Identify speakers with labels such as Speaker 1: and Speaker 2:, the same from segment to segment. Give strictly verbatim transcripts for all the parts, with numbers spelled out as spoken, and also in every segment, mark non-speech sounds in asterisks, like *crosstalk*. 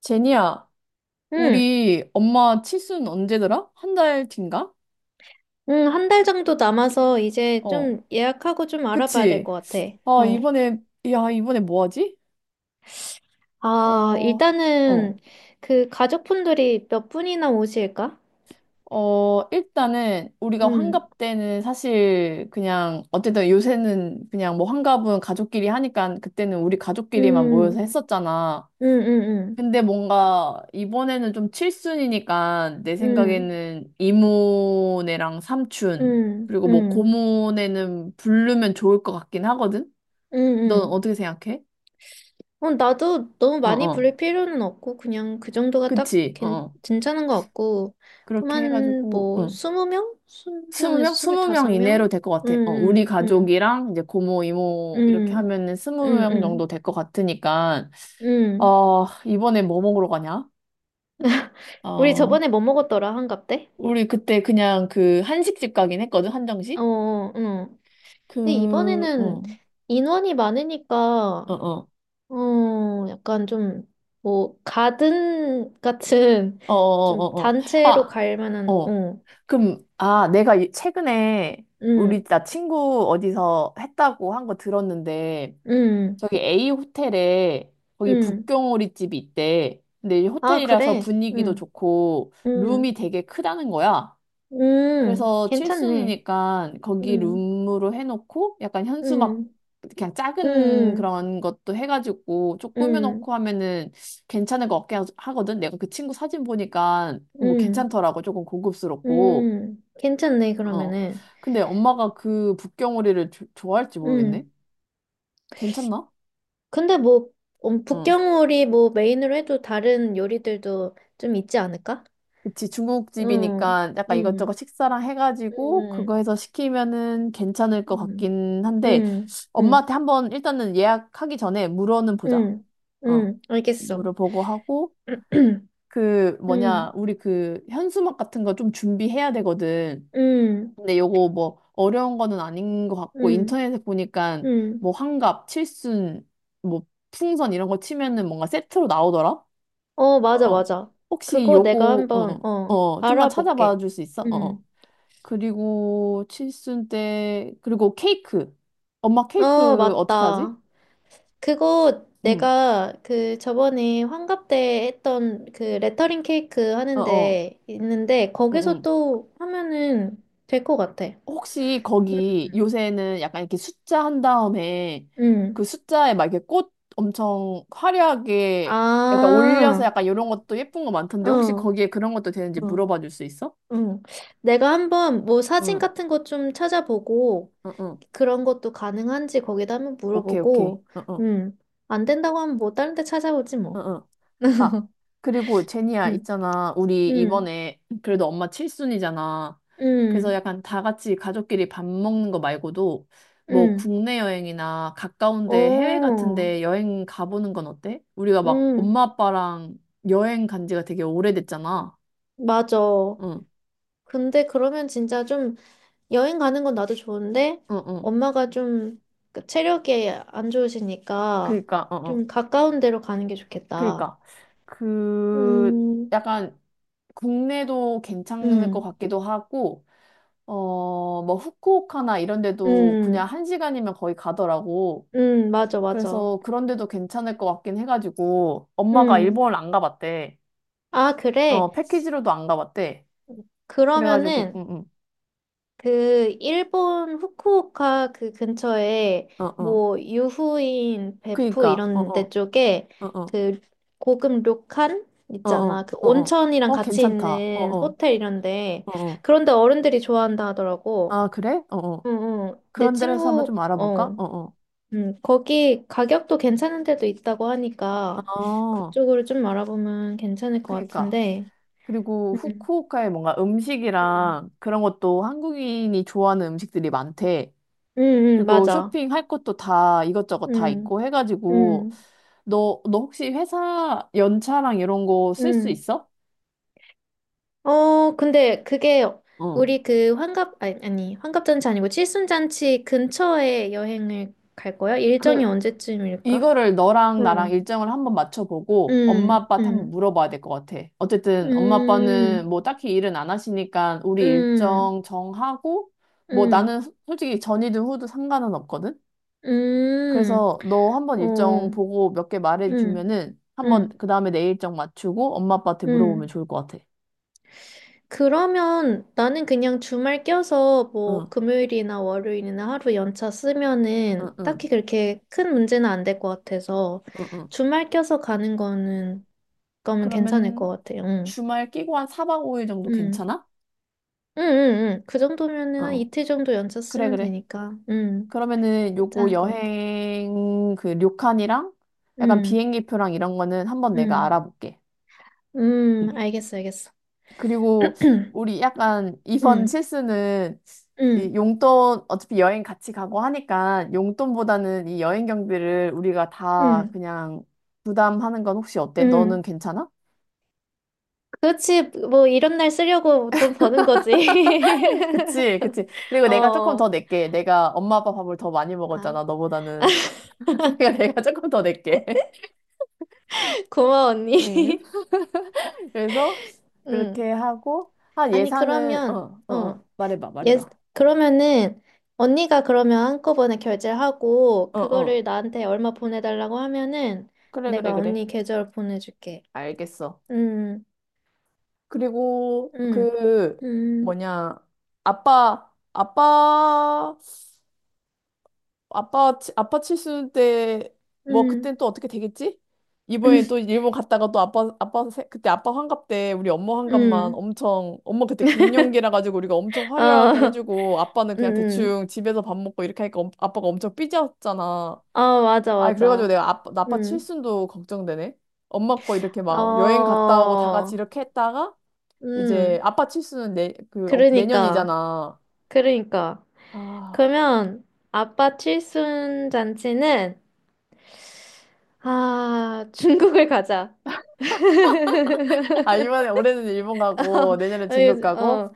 Speaker 1: 제니야,
Speaker 2: 응,
Speaker 1: 우리 엄마 칠순 언제더라? 한 달 뒤인가?
Speaker 2: 응, 한 달 정도 남아서 이제
Speaker 1: 어,
Speaker 2: 좀 예약하고 좀 알아봐야 될
Speaker 1: 그치?
Speaker 2: 것 같아.
Speaker 1: 아,
Speaker 2: 어.
Speaker 1: 이번에, 야, 이번에 뭐 하지?
Speaker 2: 아,
Speaker 1: 어, 어,
Speaker 2: 일단은 그 가족분들이 몇 분이나 오실까?
Speaker 1: 어, 일단은 우리가
Speaker 2: 응,
Speaker 1: 환갑 때는 사실 그냥, 어쨌든 요새는 그냥 뭐 환갑은 가족끼리 하니까 그때는 우리 가족끼리만 모여서
Speaker 2: 응,
Speaker 1: 했었잖아.
Speaker 2: 응, 응,
Speaker 1: 근데 뭔가 이번에는 좀 칠순이니까 내
Speaker 2: 응,
Speaker 1: 생각에는 이모네랑 삼촌
Speaker 2: 응,
Speaker 1: 그리고
Speaker 2: 응,
Speaker 1: 뭐
Speaker 2: 응,
Speaker 1: 고모네는 부르면 좋을 것 같긴 하거든.
Speaker 2: 응.
Speaker 1: 넌
Speaker 2: 응.
Speaker 1: 어떻게 생각해?
Speaker 2: 어, 나도 너무
Speaker 1: 어,
Speaker 2: 많이
Speaker 1: 어.
Speaker 2: 부를 필요는 없고, 그냥 그 정도가 딱
Speaker 1: 그치? 어.
Speaker 2: 괜,
Speaker 1: 어.
Speaker 2: 괜찮은 것 같고,
Speaker 1: 그렇게
Speaker 2: 그만
Speaker 1: 해가지고
Speaker 2: 뭐,
Speaker 1: 어.
Speaker 2: 스무 명? 스무
Speaker 1: 스무
Speaker 2: 명에서
Speaker 1: 명? 스무 명
Speaker 2: 스물다섯 명?
Speaker 1: 이내로 될 것 같아. 어, 우리
Speaker 2: 응, 응, 응,
Speaker 1: 가족이랑 이제 고모, 이모 이렇게
Speaker 2: 응,
Speaker 1: 하면은 스무
Speaker 2: 응,
Speaker 1: 명 정도
Speaker 2: 응.
Speaker 1: 될 것 같으니까
Speaker 2: 음.
Speaker 1: 어, 이번에 뭐 먹으러 가냐?
Speaker 2: *laughs* 우리
Speaker 1: 어,
Speaker 2: 저번에 뭐 먹었더라, 한갑 때?
Speaker 1: 우리 그때 그냥 그 한식집 가긴 했거든,
Speaker 2: 어,
Speaker 1: 한정식?
Speaker 2: 어, 응. 근데
Speaker 1: 그, 어,
Speaker 2: 이번에는 인원이 많으니까,
Speaker 1: 어, 어, 어,
Speaker 2: 어, 약간 좀, 뭐, 가든 같은,
Speaker 1: 어,
Speaker 2: 좀
Speaker 1: 어, 어. 어.
Speaker 2: 단체로
Speaker 1: 아,
Speaker 2: 갈 만한,
Speaker 1: 어.
Speaker 2: 어,
Speaker 1: 그럼, 아, 내가 이- 최근에 우리
Speaker 2: 응,
Speaker 1: 나 친구 어디서 했다고 한 거 들었는데,
Speaker 2: 응,
Speaker 1: 저기 A 호텔에 거기
Speaker 2: 응.
Speaker 1: 북경오리 집이 있대. 근데 이
Speaker 2: 아,
Speaker 1: 호텔이라서
Speaker 2: 그래?
Speaker 1: 분위기도
Speaker 2: 응,
Speaker 1: 좋고, 룸이
Speaker 2: 응,
Speaker 1: 되게 크다는 거야.
Speaker 2: 응.
Speaker 1: 그래서
Speaker 2: 괜찮네.
Speaker 1: 칠순이니까 거기
Speaker 2: 응,
Speaker 1: 룸으로 해놓고 약간 현수막
Speaker 2: 응,
Speaker 1: 그냥 작은
Speaker 2: 응,
Speaker 1: 그런 것도 해가지고 좀
Speaker 2: 응,
Speaker 1: 꾸며놓고 하면은 괜찮을 것 같긴 하- 하거든. 내가 그 친구 사진 보니까
Speaker 2: 응,
Speaker 1: 뭐
Speaker 2: 응.
Speaker 1: 괜찮더라고. 조금 고급스럽고.
Speaker 2: 응. 괜찮네,
Speaker 1: 어.
Speaker 2: 그러면은.
Speaker 1: 근데 엄마가 그 북경오리를 조- 좋아할지 모르겠네.
Speaker 2: 응.
Speaker 1: 괜찮나?
Speaker 2: 근데 뭐 음,
Speaker 1: 어.
Speaker 2: 북경오리 뭐 메인으로 해도 다른 요리들도 좀 있지 않을까?
Speaker 1: 그치,
Speaker 2: 응,
Speaker 1: 중국집이니까 약간 이것저것
Speaker 2: 응,
Speaker 1: 식사랑 해가지고 그거
Speaker 2: 응,
Speaker 1: 해서 시키면은 괜찮을 것
Speaker 2: 응,
Speaker 1: 같긴 한데
Speaker 2: 응, 응, 응,
Speaker 1: 엄마한테 한번 일단은 예약하기 전에 물어는 보자.
Speaker 2: 응,
Speaker 1: 어.
Speaker 2: 응, 알겠어.
Speaker 1: 물어보고 하고
Speaker 2: *clears throat*
Speaker 1: 그 뭐냐,
Speaker 2: 응,
Speaker 1: 우리 그 현수막 같은 거 좀 준비해야 되거든.
Speaker 2: 응,
Speaker 1: 근데 요거 뭐 어려운 거는 아닌 것 같고
Speaker 2: 응,
Speaker 1: 인터넷에 보니까
Speaker 2: 응.
Speaker 1: 뭐 환갑, 칠순, 뭐 풍선 이런 거 치면은 뭔가 세트로 나오더라.
Speaker 2: 어, 맞아,
Speaker 1: 어,
Speaker 2: 맞아.
Speaker 1: 혹시
Speaker 2: 그거 내가
Speaker 1: 요거,
Speaker 2: 한번
Speaker 1: 어,
Speaker 2: 어
Speaker 1: 어, 좀만 찾아봐
Speaker 2: 알아볼게.
Speaker 1: 줄 수 있어? 어. 어.
Speaker 2: 응.
Speaker 1: 그리고 칠순 때, 그리고 케이크. 엄마
Speaker 2: 어,
Speaker 1: 케이크 어떻게 하지?
Speaker 2: 맞다. 그거
Speaker 1: 응,
Speaker 2: 내가 그 저번에 환갑 때 했던 그 레터링 케이크
Speaker 1: 어, 어,
Speaker 2: 하는데 있는데
Speaker 1: 응,
Speaker 2: 거기서
Speaker 1: 응.
Speaker 2: 또 하면은 될 것 같아.
Speaker 1: 혹시 거기
Speaker 2: 음.
Speaker 1: 요새는 약간 이렇게 숫자 한 다음에 그
Speaker 2: 응.
Speaker 1: 숫자에 막 이렇게 꽃 엄청 화려하게 약간 올려서
Speaker 2: 아,
Speaker 1: 약간 이런 것도 예쁜 거
Speaker 2: 어,
Speaker 1: 많던데 혹시
Speaker 2: 어,
Speaker 1: 거기에 그런 것도 되는지 물어봐 줄 수 있어?
Speaker 2: 응. 내가 한번 뭐 사진
Speaker 1: 응,
Speaker 2: 같은 거 좀 찾아보고
Speaker 1: 응, 응.
Speaker 2: 그런 것도 가능한지 거기다 한번
Speaker 1: 오케이, 오케이.
Speaker 2: 물어보고,
Speaker 1: 응, 응,
Speaker 2: 응. 안 된다고 하면 뭐 다른 데 찾아보지
Speaker 1: 응,
Speaker 2: 뭐.
Speaker 1: 응. 아, 그리고 제니야,
Speaker 2: 응,
Speaker 1: 있잖아. 우리
Speaker 2: 응,
Speaker 1: 이번에 그래도 엄마 칠순이잖아. 그래서
Speaker 2: 응,
Speaker 1: 약간 다 같이 가족끼리 밥 먹는 거 말고도 뭐
Speaker 2: 응.
Speaker 1: 국내 여행이나 가까운데 해외
Speaker 2: 어,
Speaker 1: 같은데 여행 가보는 건 어때? 우리가 막
Speaker 2: 응,
Speaker 1: 엄마 아빠랑 여행 간 지가 되게 오래됐잖아.
Speaker 2: 맞아.
Speaker 1: 응,
Speaker 2: 근데 그러면 진짜 좀 여행 가는 건 나도 좋은데
Speaker 1: 응, 응.
Speaker 2: 엄마가 좀그 체력이 안 좋으시니까
Speaker 1: 그니까, 어, 어.
Speaker 2: 좀 가까운 데로 가는 게 좋겠다.
Speaker 1: 그니까. 그,
Speaker 2: 음,
Speaker 1: 약간 국내도 괜찮을 것
Speaker 2: 음,
Speaker 1: 같기도 하고, 어, 뭐, 후쿠오카나 이런 데도 그냥
Speaker 2: 음,
Speaker 1: 한 시간이면 거의 가더라고.
Speaker 2: 음, 맞아, 맞아.
Speaker 1: 그래서 그런 데도 괜찮을 것 같긴 해가지고, 엄마가
Speaker 2: 음.
Speaker 1: 일본을 안 가봤대.
Speaker 2: 아, 그래?
Speaker 1: 어, 패키지로도 안 가봤대. 그래가지고,
Speaker 2: 그러면은
Speaker 1: 응, 응,
Speaker 2: 그 일본 후쿠오카 그 근처에
Speaker 1: 어, 어.
Speaker 2: 뭐 유후인 베푸
Speaker 1: 그니까, 어,
Speaker 2: 이런 데
Speaker 1: 어,
Speaker 2: 쪽에
Speaker 1: 어, 어,
Speaker 2: 그 고급 료칸
Speaker 1: 어,
Speaker 2: 있잖아.
Speaker 1: 어,
Speaker 2: 그
Speaker 1: 어, 어.
Speaker 2: 온천이랑
Speaker 1: 어,
Speaker 2: 같이
Speaker 1: 괜찮다. 어,
Speaker 2: 있는
Speaker 1: 어,
Speaker 2: 호텔 이런데
Speaker 1: 어, 어.
Speaker 2: 그런데 어른들이 좋아한다 하더라고.
Speaker 1: 아, 그래? 어, 어.
Speaker 2: 응응. 내
Speaker 1: 그런 데라서 한번
Speaker 2: 친구
Speaker 1: 좀 알아볼까?
Speaker 2: 어.
Speaker 1: 어, 어.
Speaker 2: 음, 거기 가격도 괜찮은 데도 있다고 하니까
Speaker 1: 어,
Speaker 2: 그쪽으로 좀 알아보면 괜찮을 것
Speaker 1: 그니까.
Speaker 2: 같은데.
Speaker 1: 그리고
Speaker 2: 음.
Speaker 1: 후쿠오카에 뭔가
Speaker 2: 음.
Speaker 1: 음식이랑 그런 것도 한국인이 좋아하는 음식들이 많대.
Speaker 2: 음, 음,
Speaker 1: 그리고
Speaker 2: 맞아.
Speaker 1: 쇼핑할 것도 다 이것저것 다
Speaker 2: 음.
Speaker 1: 있고 해가지고
Speaker 2: 음.
Speaker 1: 너, 너 혹시 회사 연차랑 이런 거 쓸 수
Speaker 2: 음.
Speaker 1: 있어?
Speaker 2: 어, 근데 그게
Speaker 1: 어.
Speaker 2: 우리 그 환갑, 아니, 아니, 환갑잔치 아니고 칠순잔치 근처에 여행을 갈 거야? 일정이
Speaker 1: 그
Speaker 2: 언제쯤일까?
Speaker 1: 이거를 너랑 나랑
Speaker 2: 어,
Speaker 1: 일정을 한번 맞춰보고 엄마
Speaker 2: 음,
Speaker 1: 아빠한테 한번
Speaker 2: 음,
Speaker 1: 물어봐야 될 것 같아. 어쨌든 엄마 아빠는
Speaker 2: 음,
Speaker 1: 뭐 딱히 일은 안 하시니까 우리
Speaker 2: 음,
Speaker 1: 일정 정하고 뭐
Speaker 2: 음,
Speaker 1: 나는 소- 솔직히 전이든 후든 상관은 없거든.
Speaker 2: 음,
Speaker 1: 그래서 너 한번
Speaker 2: 어,
Speaker 1: 일정 보고 몇 개
Speaker 2: 음,
Speaker 1: 말해주면은 한번
Speaker 2: 음,
Speaker 1: 그 다음에 내 일정 맞추고 엄마 아빠한테 물어보면
Speaker 2: 음.
Speaker 1: 좋을 것 같아.
Speaker 2: 그러면 나는 그냥 주말 껴서 뭐
Speaker 1: 응.
Speaker 2: 금요일이나 월요일이나 하루 연차
Speaker 1: 응,
Speaker 2: 쓰면은
Speaker 1: 응,
Speaker 2: 딱히 그렇게 큰 문제는 안 될 것 같아서
Speaker 1: 응, 응.
Speaker 2: 주말 껴서 가는 거는 그러면 괜찮을
Speaker 1: 그러면
Speaker 2: 것 같아요. 응.
Speaker 1: 주말 끼고 한 사 박 오 일 정도
Speaker 2: 응.
Speaker 1: 괜찮아?
Speaker 2: 응, 응, 응. 그 정도면은 한
Speaker 1: 어,
Speaker 2: 이틀 정도 연차
Speaker 1: 그래,
Speaker 2: 쓰면
Speaker 1: 그래.
Speaker 2: 되니까. 응.
Speaker 1: 그러면은 요거
Speaker 2: 괜찮을 것 같아.
Speaker 1: 여행 그 료칸이랑 약간
Speaker 2: 응.
Speaker 1: 비행기표랑 이런 거는 한번 내가
Speaker 2: 응.
Speaker 1: 알아볼게. 응.
Speaker 2: 음, 알겠어, 알겠어.
Speaker 1: 그리고
Speaker 2: *clears throat*
Speaker 1: 우리 약간 이번
Speaker 2: 응.
Speaker 1: 실수는 이
Speaker 2: 응.
Speaker 1: 용돈 어차피 여행 같이 가고 하니까 용돈보다는 이 여행 경비를 우리가 다
Speaker 2: 응.
Speaker 1: 그냥 부담하는 건 혹시 어때? 너는
Speaker 2: 응.
Speaker 1: 괜찮아?
Speaker 2: 그렇지, 뭐, 이런 날 쓰려고 돈 버는 거지.
Speaker 1: 그치,
Speaker 2: *laughs*
Speaker 1: 그치. 그리고 내가 조금
Speaker 2: 어,
Speaker 1: 더 낼게. 내가 엄마 아빠 밥을 더 많이
Speaker 2: 아,
Speaker 1: 먹었잖아, 너보다는.
Speaker 2: *laughs*
Speaker 1: *laughs* 그러니까 내가 조금 더 낼게. *laughs*
Speaker 2: 고마워, 언니.
Speaker 1: 음.
Speaker 2: *laughs*
Speaker 1: 그래서
Speaker 2: 응.
Speaker 1: 그렇게 하고, 한
Speaker 2: 아니,
Speaker 1: 예산은,
Speaker 2: 그러면,
Speaker 1: 어, 어, 어.
Speaker 2: 어,
Speaker 1: 말해봐,
Speaker 2: 예,
Speaker 1: 말해봐.
Speaker 2: 그러면은, 언니가 그러면 한꺼번에 결제를 하고,
Speaker 1: 어,
Speaker 2: 그거를
Speaker 1: 어.
Speaker 2: 나한테 얼마 보내달라고 하면은,
Speaker 1: 그래,
Speaker 2: 내가
Speaker 1: 그래, 그래.
Speaker 2: 언니 계좌로 보내줄게.
Speaker 1: 알겠어.
Speaker 2: 응,
Speaker 1: 그리고
Speaker 2: 응,
Speaker 1: 그,
Speaker 2: 응,
Speaker 1: 뭐냐, 아빠, 아빠, 아빠, 치- 아빠 칠순 때, 뭐,
Speaker 2: 응,
Speaker 1: 그땐 또 어떻게 되겠지? 이번에
Speaker 2: 응,
Speaker 1: 또 일본 갔다가 또 아빠, 아빠, 세- 그때 아빠 환갑 때 우리 엄마 환갑만
Speaker 2: 응,
Speaker 1: 엄청, 엄마 그때 갱년기라 가지고 우리가 엄청
Speaker 2: 어,
Speaker 1: 화려하게
Speaker 2: *laughs*
Speaker 1: 해주고 아빠는
Speaker 2: 응,
Speaker 1: 그냥
Speaker 2: 응.
Speaker 1: 대충 집에서 밥 먹고 이렇게 하니까 엄- 아빠가 엄청 삐졌잖아.
Speaker 2: 어, 맞아,
Speaker 1: 아, 그래가지고
Speaker 2: 맞아.
Speaker 1: 내가 아빠, 나 아빠
Speaker 2: 응.
Speaker 1: 칠순도 걱정되네. 엄마 거 이렇게 막 여행 갔다 오고 다
Speaker 2: 어,
Speaker 1: 같이 이렇게 했다가 이제
Speaker 2: 음,
Speaker 1: 아빠 칠순은 내, 그, 어,
Speaker 2: 그러니까,
Speaker 1: 내년이잖아.
Speaker 2: 그러니까.
Speaker 1: 아,
Speaker 2: 그러면 아빠 칠순 잔치는, 아, 중국을 가자.
Speaker 1: 아, 이번에 올해는 일본 가고
Speaker 2: *laughs*
Speaker 1: 내년에
Speaker 2: 어,
Speaker 1: 중국
Speaker 2: 요-
Speaker 1: 가고
Speaker 2: 어,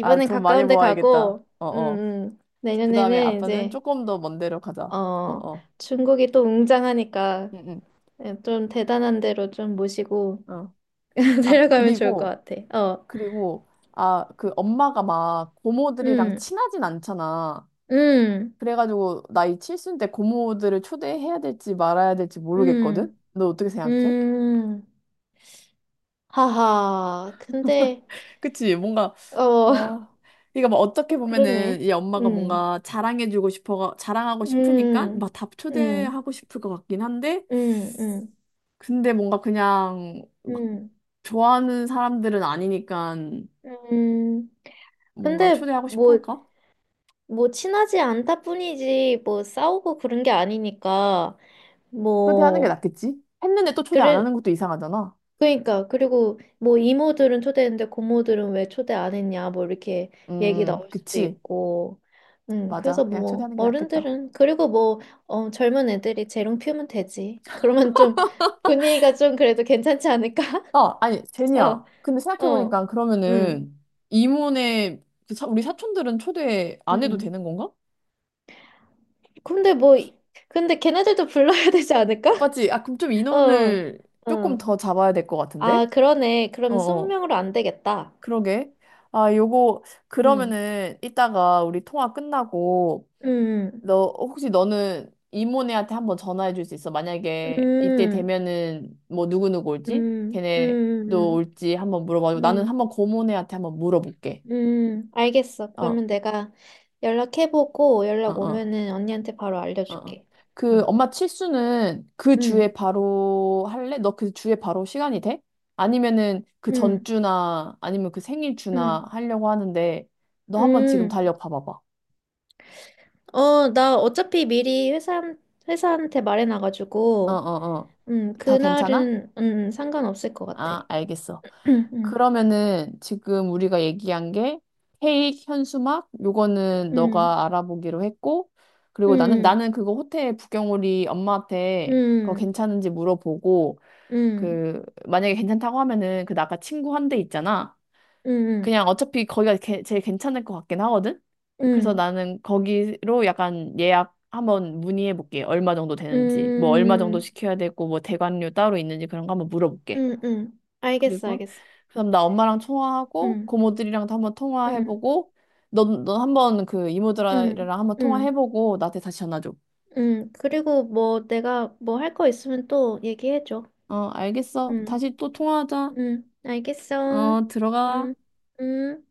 Speaker 1: 아, 돈 많이
Speaker 2: 가까운 데
Speaker 1: 모아야겠다.
Speaker 2: 가고,
Speaker 1: 어,
Speaker 2: 음,
Speaker 1: 어.
Speaker 2: 음,
Speaker 1: 그 다음에
Speaker 2: 내년에는
Speaker 1: 아빠는
Speaker 2: 이제,
Speaker 1: 조금 더 먼 데로 가자. 어,
Speaker 2: 어,
Speaker 1: 어.
Speaker 2: 중국이 또 웅장하니까
Speaker 1: 응,
Speaker 2: 예, 좀 대단한 데로 좀 모시고
Speaker 1: 응. 어.
Speaker 2: *laughs*
Speaker 1: 아,
Speaker 2: 데려가면 좋을 것
Speaker 1: 그리고,
Speaker 2: 같아. 어,
Speaker 1: 그리고, 아, 그 엄마가 막 고모들이랑
Speaker 2: 음,
Speaker 1: 친하진 않잖아.
Speaker 2: 음,
Speaker 1: 그래가지고, 나이 칠순 때 고모들을 초대해야 될지 말아야 될지 모르겠거든?
Speaker 2: 음,
Speaker 1: 너 어떻게 생각해?
Speaker 2: 음. 하하, 근데,
Speaker 1: 그치, 뭔가,
Speaker 2: 어,
Speaker 1: 어.
Speaker 2: *laughs*
Speaker 1: 그러니까 뭐 어떻게
Speaker 2: 어,
Speaker 1: 보면은
Speaker 2: 그러네.
Speaker 1: 이 엄마가
Speaker 2: 음,
Speaker 1: 뭔가 자랑해주고 싶어, 자랑하고 싶으니까
Speaker 2: 음,
Speaker 1: 막 다
Speaker 2: 음,
Speaker 1: 초대하고 싶을 것 같긴 한데,
Speaker 2: 음, 음,
Speaker 1: 근데 뭔가 그냥
Speaker 2: 음,
Speaker 1: 좋아하는 사람들은 아니니까
Speaker 2: 음.
Speaker 1: 뭔가
Speaker 2: 근데
Speaker 1: 초대하고 싶어
Speaker 2: 뭐,
Speaker 1: 할까?
Speaker 2: 뭐 친하지 않다 뿐이지 뭐 싸우고 그런 게 아니니까
Speaker 1: 초대하는 게
Speaker 2: 뭐
Speaker 1: 낫겠지? 했는데 또 초대 안 하는
Speaker 2: 그래
Speaker 1: 것도 이상하잖아.
Speaker 2: 그러니까 그리고 뭐 이모들은 초대했는데 고모들은 왜 초대 안 했냐 뭐 이렇게 얘기
Speaker 1: 음,
Speaker 2: 나올 수도
Speaker 1: 그치.
Speaker 2: 있고 음
Speaker 1: 맞아.
Speaker 2: 그래서
Speaker 1: 그냥
Speaker 2: 뭐
Speaker 1: 초대하는 게 낫겠다.
Speaker 2: 어른들은 그리고 뭐 어, 젊은 애들이 재롱 피우면 되지 *laughs* 그러면 좀 분위기가 좀 그래도 괜찮지 않을까 *laughs*
Speaker 1: 어, 아니, 제니야. 근데 생각해보니까
Speaker 2: 어어음음
Speaker 1: 그러면은 이모네, 그 사- 우리 사촌들은 초대 안 해도 되는 건가?
Speaker 2: 근데 뭐 이- 근데 걔네들도 불러야 되지 않을까 *laughs*
Speaker 1: 맞지? 아, 그럼 좀 인원을 조금
Speaker 2: 어어아
Speaker 1: 더 잡아야 될 것 같은데?
Speaker 2: 그러네 그럼
Speaker 1: 어어,
Speaker 2: 이십 명으로 안 되겠다
Speaker 1: 그러게. 아, 요거,
Speaker 2: 음
Speaker 1: 그러면은 이따가 우리 통화 끝나고
Speaker 2: 음,
Speaker 1: 너 혹시 너는 이모네한테 한번 전화해 줄 수 있어? 만약에 이때
Speaker 2: 음.
Speaker 1: 되면은 뭐 누구누구 올지?
Speaker 2: 음, 음,
Speaker 1: 걔네도
Speaker 2: 음,
Speaker 1: 올지 한번 물어봐주고 나는
Speaker 2: 음,
Speaker 1: 한번 고모네한테 한번 물어볼게.
Speaker 2: 음, 음. 알겠어.
Speaker 1: 어, 어,
Speaker 2: 그러면 내가 연락해보고 연락
Speaker 1: 어,
Speaker 2: 오면은 언니한테 바로
Speaker 1: 어. 어.
Speaker 2: 알려줄게.
Speaker 1: 그
Speaker 2: 응,
Speaker 1: 엄마 칠수는 그
Speaker 2: 응,
Speaker 1: 주에 바로 할래? 너 그 주에 바로 시간이 돼? 아니면은 그
Speaker 2: 응,
Speaker 1: 전주나 아니면 그 생일주나
Speaker 2: 응,
Speaker 1: 하려고 하는데 너 한번 지금
Speaker 2: 응.
Speaker 1: 달력 봐봐봐.
Speaker 2: 어, 나 어차피 미리 회사, 회사한테
Speaker 1: 어, 어,
Speaker 2: 말해놔가지고,
Speaker 1: 어.
Speaker 2: 음,
Speaker 1: 다 괜찮아?
Speaker 2: 그날은, 음, 상관없을 것 같아.
Speaker 1: 아, 알겠어.
Speaker 2: *clears throat* 응, 응,
Speaker 1: 그러면은 지금 우리가 얘기한 게 케이크, 현수막 요거는
Speaker 2: 응,
Speaker 1: 너가 알아보기로 했고 그리고 나는
Speaker 2: 응,
Speaker 1: 나는 그거 호텔 부경오리 엄마한테 그거 괜찮은지 물어보고
Speaker 2: 응, 응,
Speaker 1: 그 만약에 괜찮다고 하면은 그 나가 친구 한 대 있잖아.
Speaker 2: 응,
Speaker 1: 그냥 어차피 거기가 게- 제일 괜찮을 것 같긴 하거든. 그래서
Speaker 2: 응,
Speaker 1: 나는 거기로 약간 예약 한번 문의해 볼게. 얼마 정도 되는지, 뭐 얼마 정도
Speaker 2: 응,
Speaker 1: 시켜야 되고 뭐 대관료 따로 있는지 그런 거 한번 물어볼게.
Speaker 2: 응, 응, 알겠어,
Speaker 1: 그리고
Speaker 2: 알겠어.
Speaker 1: 그다음 나 엄마랑 통화하고
Speaker 2: 응,
Speaker 1: 고모들이랑도 한번
Speaker 2: 응.
Speaker 1: 통화해보고 넌너 한번 그
Speaker 2: 응,
Speaker 1: 이모들이랑 한번
Speaker 2: 응,
Speaker 1: 통화해보고 나한테 다시 전화 줘.
Speaker 2: 응. 그리고 뭐 내가 뭐 할 거 있으면 또 얘기해줘.
Speaker 1: 어, 알겠어.
Speaker 2: 응,
Speaker 1: 다시 또 통화하자.
Speaker 2: 응. 알겠어.
Speaker 1: 어, 들어가.
Speaker 2: 응, 응.